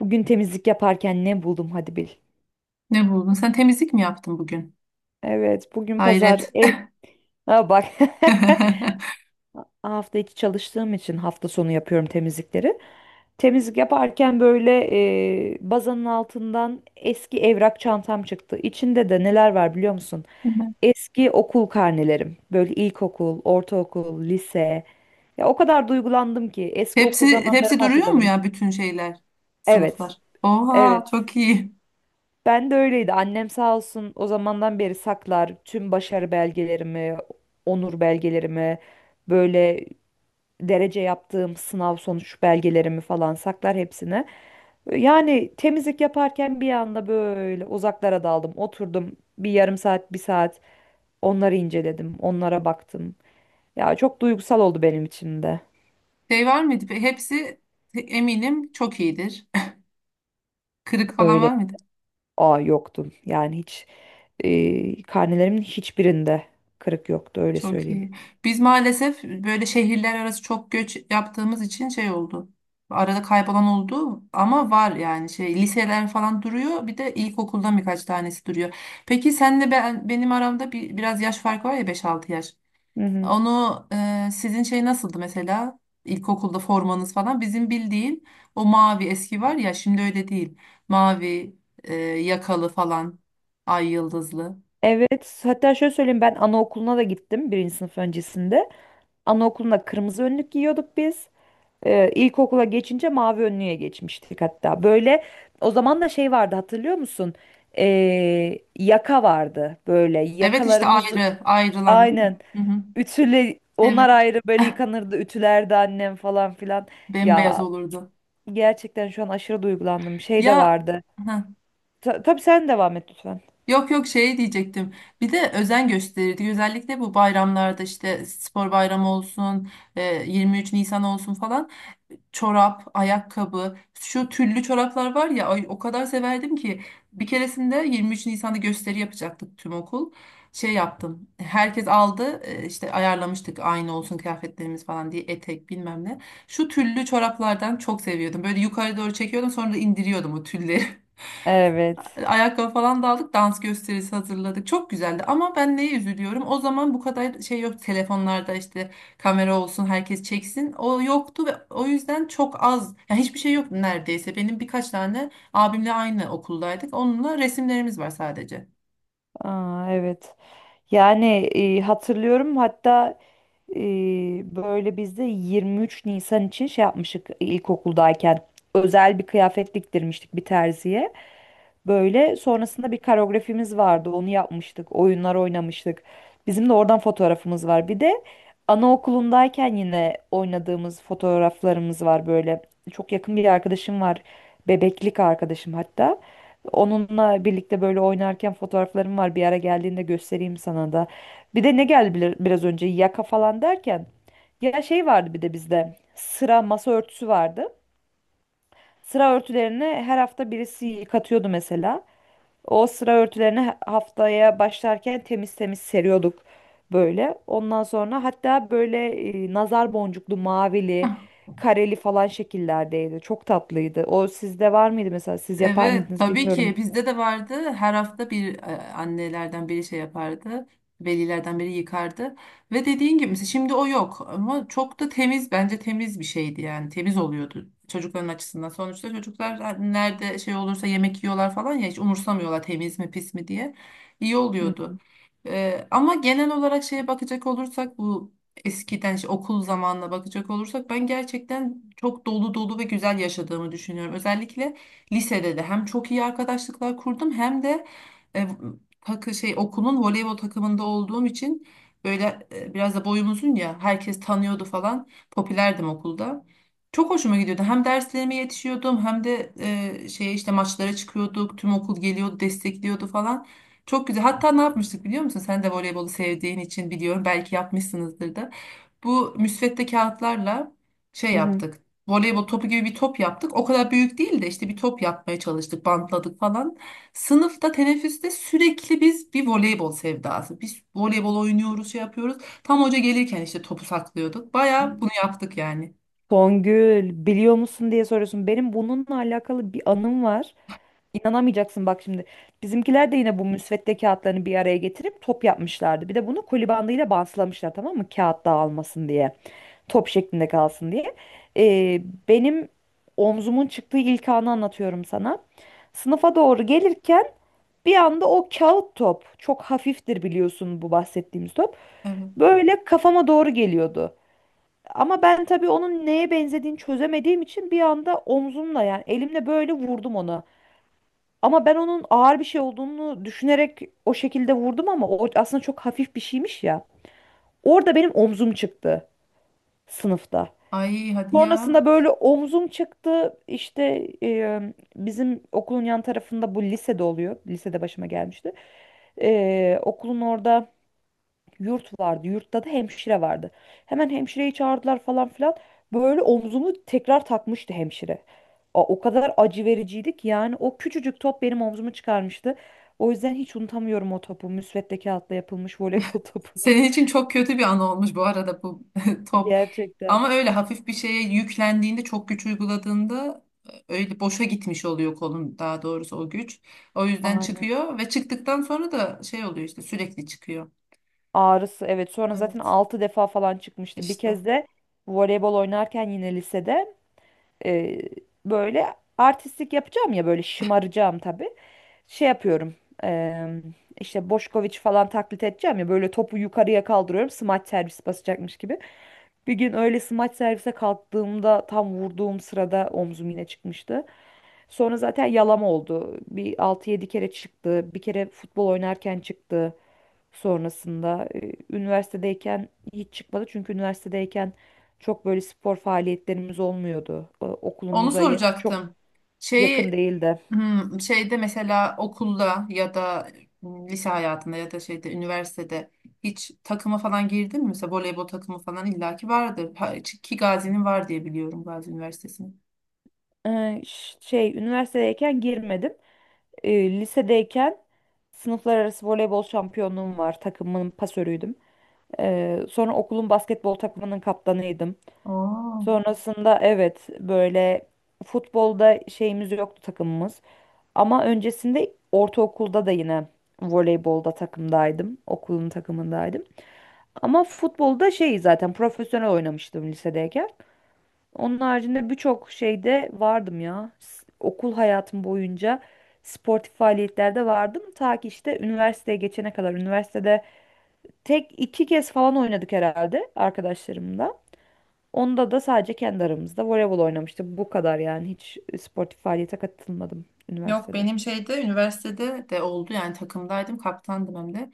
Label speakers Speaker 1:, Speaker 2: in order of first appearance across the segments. Speaker 1: Bugün temizlik yaparken ne buldum hadi bil.
Speaker 2: Ne buldun? Sen temizlik mi yaptın bugün?
Speaker 1: Evet, bugün pazar
Speaker 2: Hayret.
Speaker 1: ev... Ha bak. Hafta içi çalıştığım için hafta sonu yapıyorum temizlikleri. Temizlik yaparken böyle bazanın altından eski evrak çantam çıktı. İçinde de neler var biliyor musun? Eski okul karnelerim. Böyle ilkokul, ortaokul, lise. Ya o kadar duygulandım ki eski okul
Speaker 2: Hepsi hepsi
Speaker 1: zamanlarımı
Speaker 2: duruyor mu
Speaker 1: hatırladım.
Speaker 2: ya bütün şeyler,
Speaker 1: Evet,
Speaker 2: sınıflar? Oha,
Speaker 1: evet.
Speaker 2: çok iyi.
Speaker 1: Ben de öyleydi. Annem sağ olsun o zamandan beri saklar tüm başarı belgelerimi, onur belgelerimi, böyle derece yaptığım sınav sonuç belgelerimi falan saklar hepsini. Yani temizlik yaparken bir anda böyle uzaklara daldım. Oturdum bir yarım saat, bir saat onları inceledim, onlara baktım. Ya çok duygusal oldu benim için de.
Speaker 2: Şey var mıydı? Hepsi eminim çok iyidir. Kırık falan
Speaker 1: Öyle
Speaker 2: var mıydı?
Speaker 1: aa yoktum. Yani hiç karnelerimin hiçbirinde kırık yoktu öyle
Speaker 2: Çok
Speaker 1: söyleyeyim.
Speaker 2: iyi. Biz maalesef böyle şehirler arası çok göç yaptığımız için şey oldu. Arada kaybolan oldu ama var yani şey liseler falan duruyor. Bir de ilkokuldan birkaç tanesi duruyor. Peki senle benim aramda bir, biraz yaş farkı var ya beş altı yaş.
Speaker 1: Hı hı.
Speaker 2: Onu sizin şey nasıldı mesela? İlkokulda formanız falan. Bizim bildiğin o mavi eski var ya şimdi öyle değil. Mavi yakalı falan. Ay yıldızlı.
Speaker 1: Evet, hatta şöyle söyleyeyim ben anaokuluna da gittim birinci sınıf öncesinde. Anaokulunda kırmızı önlük giyiyorduk biz. İlkokula geçince mavi önlüğe geçmiştik hatta. Böyle o zaman da şey vardı hatırlıyor musun? Yaka vardı böyle
Speaker 2: Evet işte
Speaker 1: yakalarımızı
Speaker 2: ayrı ayrılan değil
Speaker 1: aynen
Speaker 2: mi? Hı hı.
Speaker 1: ütüle onlar
Speaker 2: Evet.
Speaker 1: ayrı böyle yıkanırdı ütülerdi annem falan filan.
Speaker 2: Bembeyaz
Speaker 1: Ya
Speaker 2: olurdu.
Speaker 1: gerçekten şu an aşırı duygulandım şey de
Speaker 2: Ya
Speaker 1: vardı.
Speaker 2: heh.
Speaker 1: Tabii sen devam et lütfen.
Speaker 2: Yok yok şey diyecektim. Bir de özen gösterirdik. Özellikle bu bayramlarda işte spor bayramı olsun, 23 Nisan olsun falan. Çorap, ayakkabı, şu tüllü çoraplar var ya ay, o kadar severdim ki bir keresinde 23 Nisan'da gösteri yapacaktık tüm okul. Şey yaptım. Herkes aldı, işte ayarlamıştık aynı olsun kıyafetlerimiz falan diye etek bilmem ne. Şu tüllü çoraplardan çok seviyordum. Böyle yukarı doğru çekiyordum sonra da indiriyordum o tülleri.
Speaker 1: Evet.
Speaker 2: Hani ayakkabı falan da aldık, dans gösterisi hazırladık. Çok güzeldi ama ben neye üzülüyorum? O zaman bu kadar şey yok. Telefonlarda işte kamera olsun, herkes çeksin. O yoktu ve o yüzden çok az. Yani hiçbir şey yok neredeyse. Benim birkaç tane abimle aynı okuldaydık. Onunla resimlerimiz var sadece.
Speaker 1: Aa, evet. Yani hatırlıyorum hatta e, böyle biz de 23 Nisan için şey yapmıştık ilkokuldayken. Özel bir kıyafet diktirmiştik bir terziye. Böyle sonrasında bir koreografimiz vardı. Onu yapmıştık. Oyunlar oynamıştık. Bizim de oradan fotoğrafımız var. Bir de anaokulundayken yine oynadığımız fotoğraflarımız var böyle. Çok yakın bir arkadaşım var. Bebeklik arkadaşım hatta. Onunla birlikte böyle oynarken fotoğraflarım var. Bir ara geldiğinde göstereyim sana da. Bir de ne geldi biraz önce yaka falan derken. Ya şey vardı bir de bizde. Sıra masa örtüsü vardı. Sıra örtülerini her hafta birisi yıkatıyordu mesela. O sıra örtülerini haftaya başlarken temiz temiz seriyorduk böyle. Ondan sonra hatta böyle nazar boncuklu, mavili, kareli falan şekillerdeydi. Çok tatlıydı. O sizde var mıydı mesela? Siz yapar
Speaker 2: Evet,
Speaker 1: mıydınız
Speaker 2: tabii
Speaker 1: bilmiyorum.
Speaker 2: ki bizde de vardı. Her hafta bir, annelerden biri şey yapardı. Velilerden biri yıkardı. Ve dediğin gibi mesela şimdi o yok ama çok da temiz, bence temiz bir şeydi yani temiz oluyordu çocukların açısından. Sonuçta çocuklar nerede şey olursa yemek yiyorlar falan ya, hiç umursamıyorlar temiz mi pis mi diye. İyi
Speaker 1: Hı
Speaker 2: oluyordu.
Speaker 1: hı.
Speaker 2: Ama genel olarak şeye bakacak olursak bu eskiden işte okul zamanına bakacak olursak ben gerçekten çok dolu dolu ve güzel yaşadığımı düşünüyorum. Özellikle lisede de hem çok iyi arkadaşlıklar kurdum hem de e, takı şey okulun voleybol takımında olduğum için böyle, biraz da boyum uzun ya herkes tanıyordu falan. Popülerdim okulda. Çok hoşuma gidiyordu. Hem derslerime yetişiyordum hem de şey işte maçlara çıkıyorduk. Tüm okul geliyordu, destekliyordu falan. Çok güzel. Hatta ne yapmıştık biliyor musun? Sen de voleybolu sevdiğin için biliyorum. Belki yapmışsınızdır da. Bu müsvedde kağıtlarla şey
Speaker 1: Hı
Speaker 2: yaptık. Voleybol topu gibi bir top yaptık. O kadar büyük değil de işte bir top yapmaya çalıştık, bantladık falan. Sınıfta, teneffüste sürekli biz bir voleybol sevdası. Biz voleybol oynuyoruz, şey yapıyoruz. Tam hoca gelirken işte topu saklıyorduk.
Speaker 1: hı.
Speaker 2: Bayağı bunu yaptık yani.
Speaker 1: Songül biliyor musun diye soruyorsun. Benim bununla alakalı bir anım var. İnanamayacaksın bak şimdi. Bizimkiler de yine bu müsvedde kağıtlarını bir araya getirip top yapmışlardı. Bir de bunu koli bandıyla bantlamışlar tamam mı? Kağıt dağılmasın diye. Top şeklinde kalsın diye. Ee, Benim omzumun çıktığı ilk anı anlatıyorum sana. Sınıfa doğru gelirken bir anda o kağıt top çok hafiftir biliyorsun bu bahsettiğimiz top.
Speaker 2: Evet.
Speaker 1: Böyle kafama doğru geliyordu. Ama ben tabii onun neye benzediğini çözemediğim için bir anda omzumla yani elimle böyle vurdum ona. Ama ben onun ağır bir şey olduğunu düşünerek o şekilde vurdum ama o aslında çok hafif bir şeymiş ya. Orada benim omzum çıktı sınıfta.
Speaker 2: Ay hadi ya.
Speaker 1: Sonrasında böyle omzum çıktı. İşte bizim okulun yan tarafında bu lisede oluyor. Lisede başıma gelmişti. E, okulun orada yurt vardı. Yurtta da hemşire vardı. Hemen hemşireyi çağırdılar falan filan. Böyle omzumu tekrar takmıştı hemşire. O kadar acı vericiydi ki yani o küçücük top benim omzumu çıkarmıştı. O yüzden hiç unutamıyorum o topu. Müsvedde kağıtla yapılmış voleybol topunu.
Speaker 2: Senin için çok kötü bir an olmuş bu arada bu top.
Speaker 1: Gerçekten.
Speaker 2: Ama öyle hafif bir şeye yüklendiğinde, çok güç uyguladığında, öyle boşa gitmiş oluyor kolun, daha doğrusu o güç. O yüzden
Speaker 1: Aynen.
Speaker 2: çıkıyor ve çıktıktan sonra da şey oluyor işte, sürekli çıkıyor.
Speaker 1: Ağrısı evet. Sonra zaten
Speaker 2: Evet
Speaker 1: 6 defa falan çıkmıştı. Bir
Speaker 2: işte.
Speaker 1: kez de voleybol oynarken yine lisede e, böyle artistlik yapacağım ya böyle şımaracağım tabii. Şey yapıyorum. eee, işte Boşkoviç falan taklit edeceğim ya böyle topu yukarıya kaldırıyorum smaç servis basacakmış gibi. Bir gün öyle smaç servise kalktığımda tam vurduğum sırada omzum yine çıkmıştı. Sonra zaten yalama oldu. Bir altı yedi kere çıktı. Bir kere futbol oynarken çıktı sonrasında. Üniversitedeyken hiç çıkmadı çünkü üniversitedeyken çok böyle spor faaliyetlerimiz olmuyordu.
Speaker 2: Onu
Speaker 1: Okulumuza çok
Speaker 2: soracaktım.
Speaker 1: yakın
Speaker 2: Şeyi
Speaker 1: değildi.
Speaker 2: şeyde mesela okulda ya da lise hayatında ya da şeyde üniversitede hiç takıma falan girdin mi? Mesela voleybol takımı falan illaki vardır. Ha, ki Gazi'nin var diye biliyorum, Gazi Üniversitesi'nin.
Speaker 1: Şey üniversitedeyken girmedim. Lisedeyken sınıflar arası voleybol şampiyonluğum var. Takımın pasörüydüm. Sonra okulun basketbol takımının kaptanıydım.
Speaker 2: Oo.
Speaker 1: Sonrasında evet böyle futbolda şeyimiz yoktu takımımız. Ama öncesinde ortaokulda da yine voleybolda takımdaydım. Okulun takımındaydım. Ama futbolda şey zaten profesyonel oynamıştım lisedeyken. Onun haricinde birçok şeyde vardım ya. Okul hayatım boyunca sportif faaliyetlerde vardım. Ta ki işte üniversiteye geçene kadar. Üniversitede tek iki kez falan oynadık herhalde arkadaşlarımla. Onda da sadece kendi aramızda voleybol oynamıştık. Bu kadar yani hiç sportif faaliyete katılmadım
Speaker 2: Yok,
Speaker 1: üniversitede.
Speaker 2: benim şeyde üniversitede de oldu yani, takımdaydım kaptandım hem de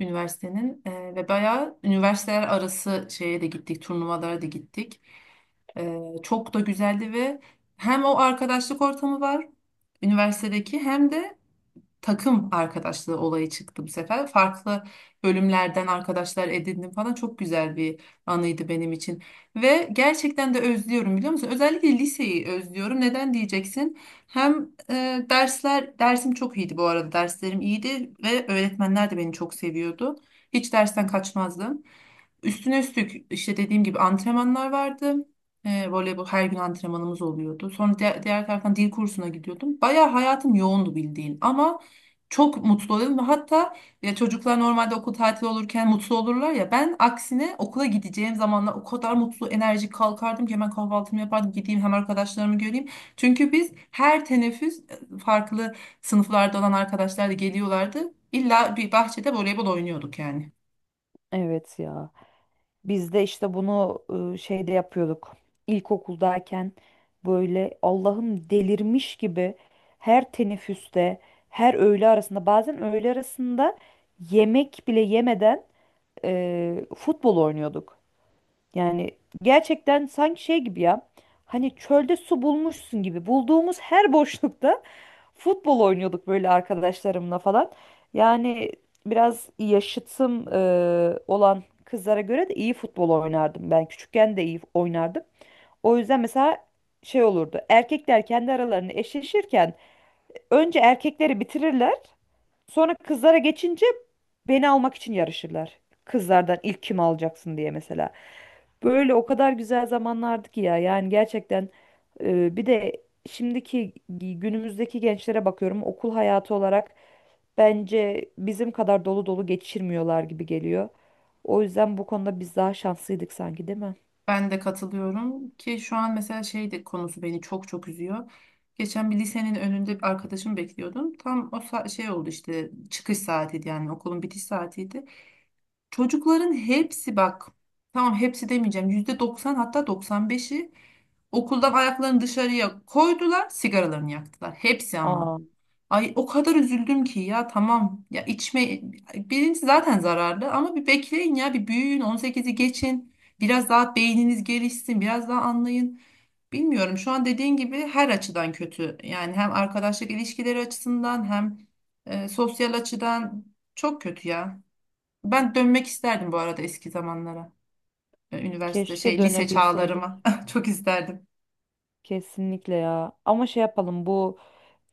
Speaker 2: üniversitenin. Ve bayağı üniversiteler arası şeye de gittik, turnuvalara da gittik. Çok da güzeldi ve hem o arkadaşlık ortamı var üniversitedeki hem de takım arkadaşlığı olayı çıktı bu sefer. Farklı bölümlerden arkadaşlar edindim falan, çok güzel bir anıydı benim için. Ve gerçekten de özlüyorum biliyor musun? Özellikle liseyi özlüyorum. Neden diyeceksin? Hem dersler, dersim çok iyiydi bu arada. Derslerim iyiydi ve öğretmenler de beni çok seviyordu. Hiç dersten kaçmazdım. Üstüne üstlük işte dediğim gibi antrenmanlar vardı. Voleybol her gün antrenmanımız oluyordu. Sonra diğer taraftan dil kursuna gidiyordum. Bayağı hayatım yoğundu bildiğin ama çok mutlu oluyorum. Hatta ya, çocuklar normalde okul tatili olurken mutlu olurlar ya. Ben aksine okula gideceğim zamanlar o kadar mutlu, enerjik kalkardım ki hemen kahvaltımı yapardım. Gideyim hem arkadaşlarımı göreyim. Çünkü biz her teneffüs, farklı sınıflarda olan arkadaşlar da geliyorlardı. İlla bir bahçede voleybol oynuyorduk yani.
Speaker 1: Evet ya. Biz de işte bunu şeyde yapıyorduk. İlkokuldayken böyle Allah'ım delirmiş gibi her teneffüste, her öğle arasında, bazen öğle arasında yemek bile yemeden futbol oynuyorduk. Yani gerçekten sanki şey gibi ya. Hani çölde su bulmuşsun gibi. Bulduğumuz her boşlukta futbol oynuyorduk böyle arkadaşlarımla falan. Yani biraz yaşıtım olan kızlara göre de iyi futbol oynardım. Ben küçükken de iyi oynardım. O yüzden mesela şey olurdu. Erkekler kendi aralarını eşleşirken önce erkekleri bitirirler. Sonra kızlara geçince beni almak için yarışırlar. Kızlardan ilk kim alacaksın diye mesela. Böyle o kadar güzel zamanlardı ki ya. Yani gerçekten bir de şimdiki günümüzdeki gençlere bakıyorum okul hayatı olarak bence bizim kadar dolu dolu geçirmiyorlar gibi geliyor. O yüzden bu konuda biz daha şanslıydık sanki değil mi?
Speaker 2: Ben de katılıyorum ki şu an mesela şey de konusu beni çok çok üzüyor. Geçen bir lisenin önünde bir arkadaşımı bekliyordum. Tam o şey oldu işte, çıkış saatiydi yani okulun bitiş saatiydi. Çocukların hepsi, bak tamam hepsi demeyeceğim, %90, hatta 95'i okuldan ayaklarını dışarıya koydular, sigaralarını yaktılar. Hepsi ama.
Speaker 1: Aa,
Speaker 2: Ay o kadar üzüldüm ki ya, tamam ya içme, birincisi zaten zararlı, ama bir bekleyin ya, bir büyüyün, 18'i geçin, biraz daha beyniniz gelişsin, biraz daha anlayın. Bilmiyorum, şu an dediğin gibi her açıdan kötü yani, hem arkadaşlık ilişkileri açısından hem sosyal açıdan çok kötü ya. Ben dönmek isterdim bu arada eski zamanlara. Üniversite
Speaker 1: keşke
Speaker 2: şey lise
Speaker 1: dönebilseydik.
Speaker 2: çağlarıma çok isterdim.
Speaker 1: Kesinlikle ya. Ama şey yapalım bu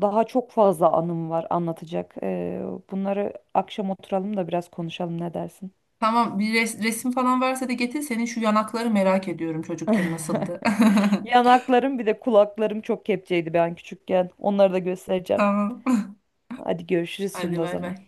Speaker 1: daha çok fazla anım var anlatacak. Bunları akşam oturalım da biraz konuşalım ne dersin?
Speaker 2: Tamam, bir resim falan varsa da getir. Senin şu yanakları merak ediyorum, çocukken nasıldı.
Speaker 1: Yanaklarım bir de kulaklarım çok kepçeydi ben küçükken. Onları da göstereceğim.
Speaker 2: Tamam.
Speaker 1: Hadi görüşürüz şimdi
Speaker 2: Hadi
Speaker 1: o
Speaker 2: bay
Speaker 1: zaman.
Speaker 2: bay.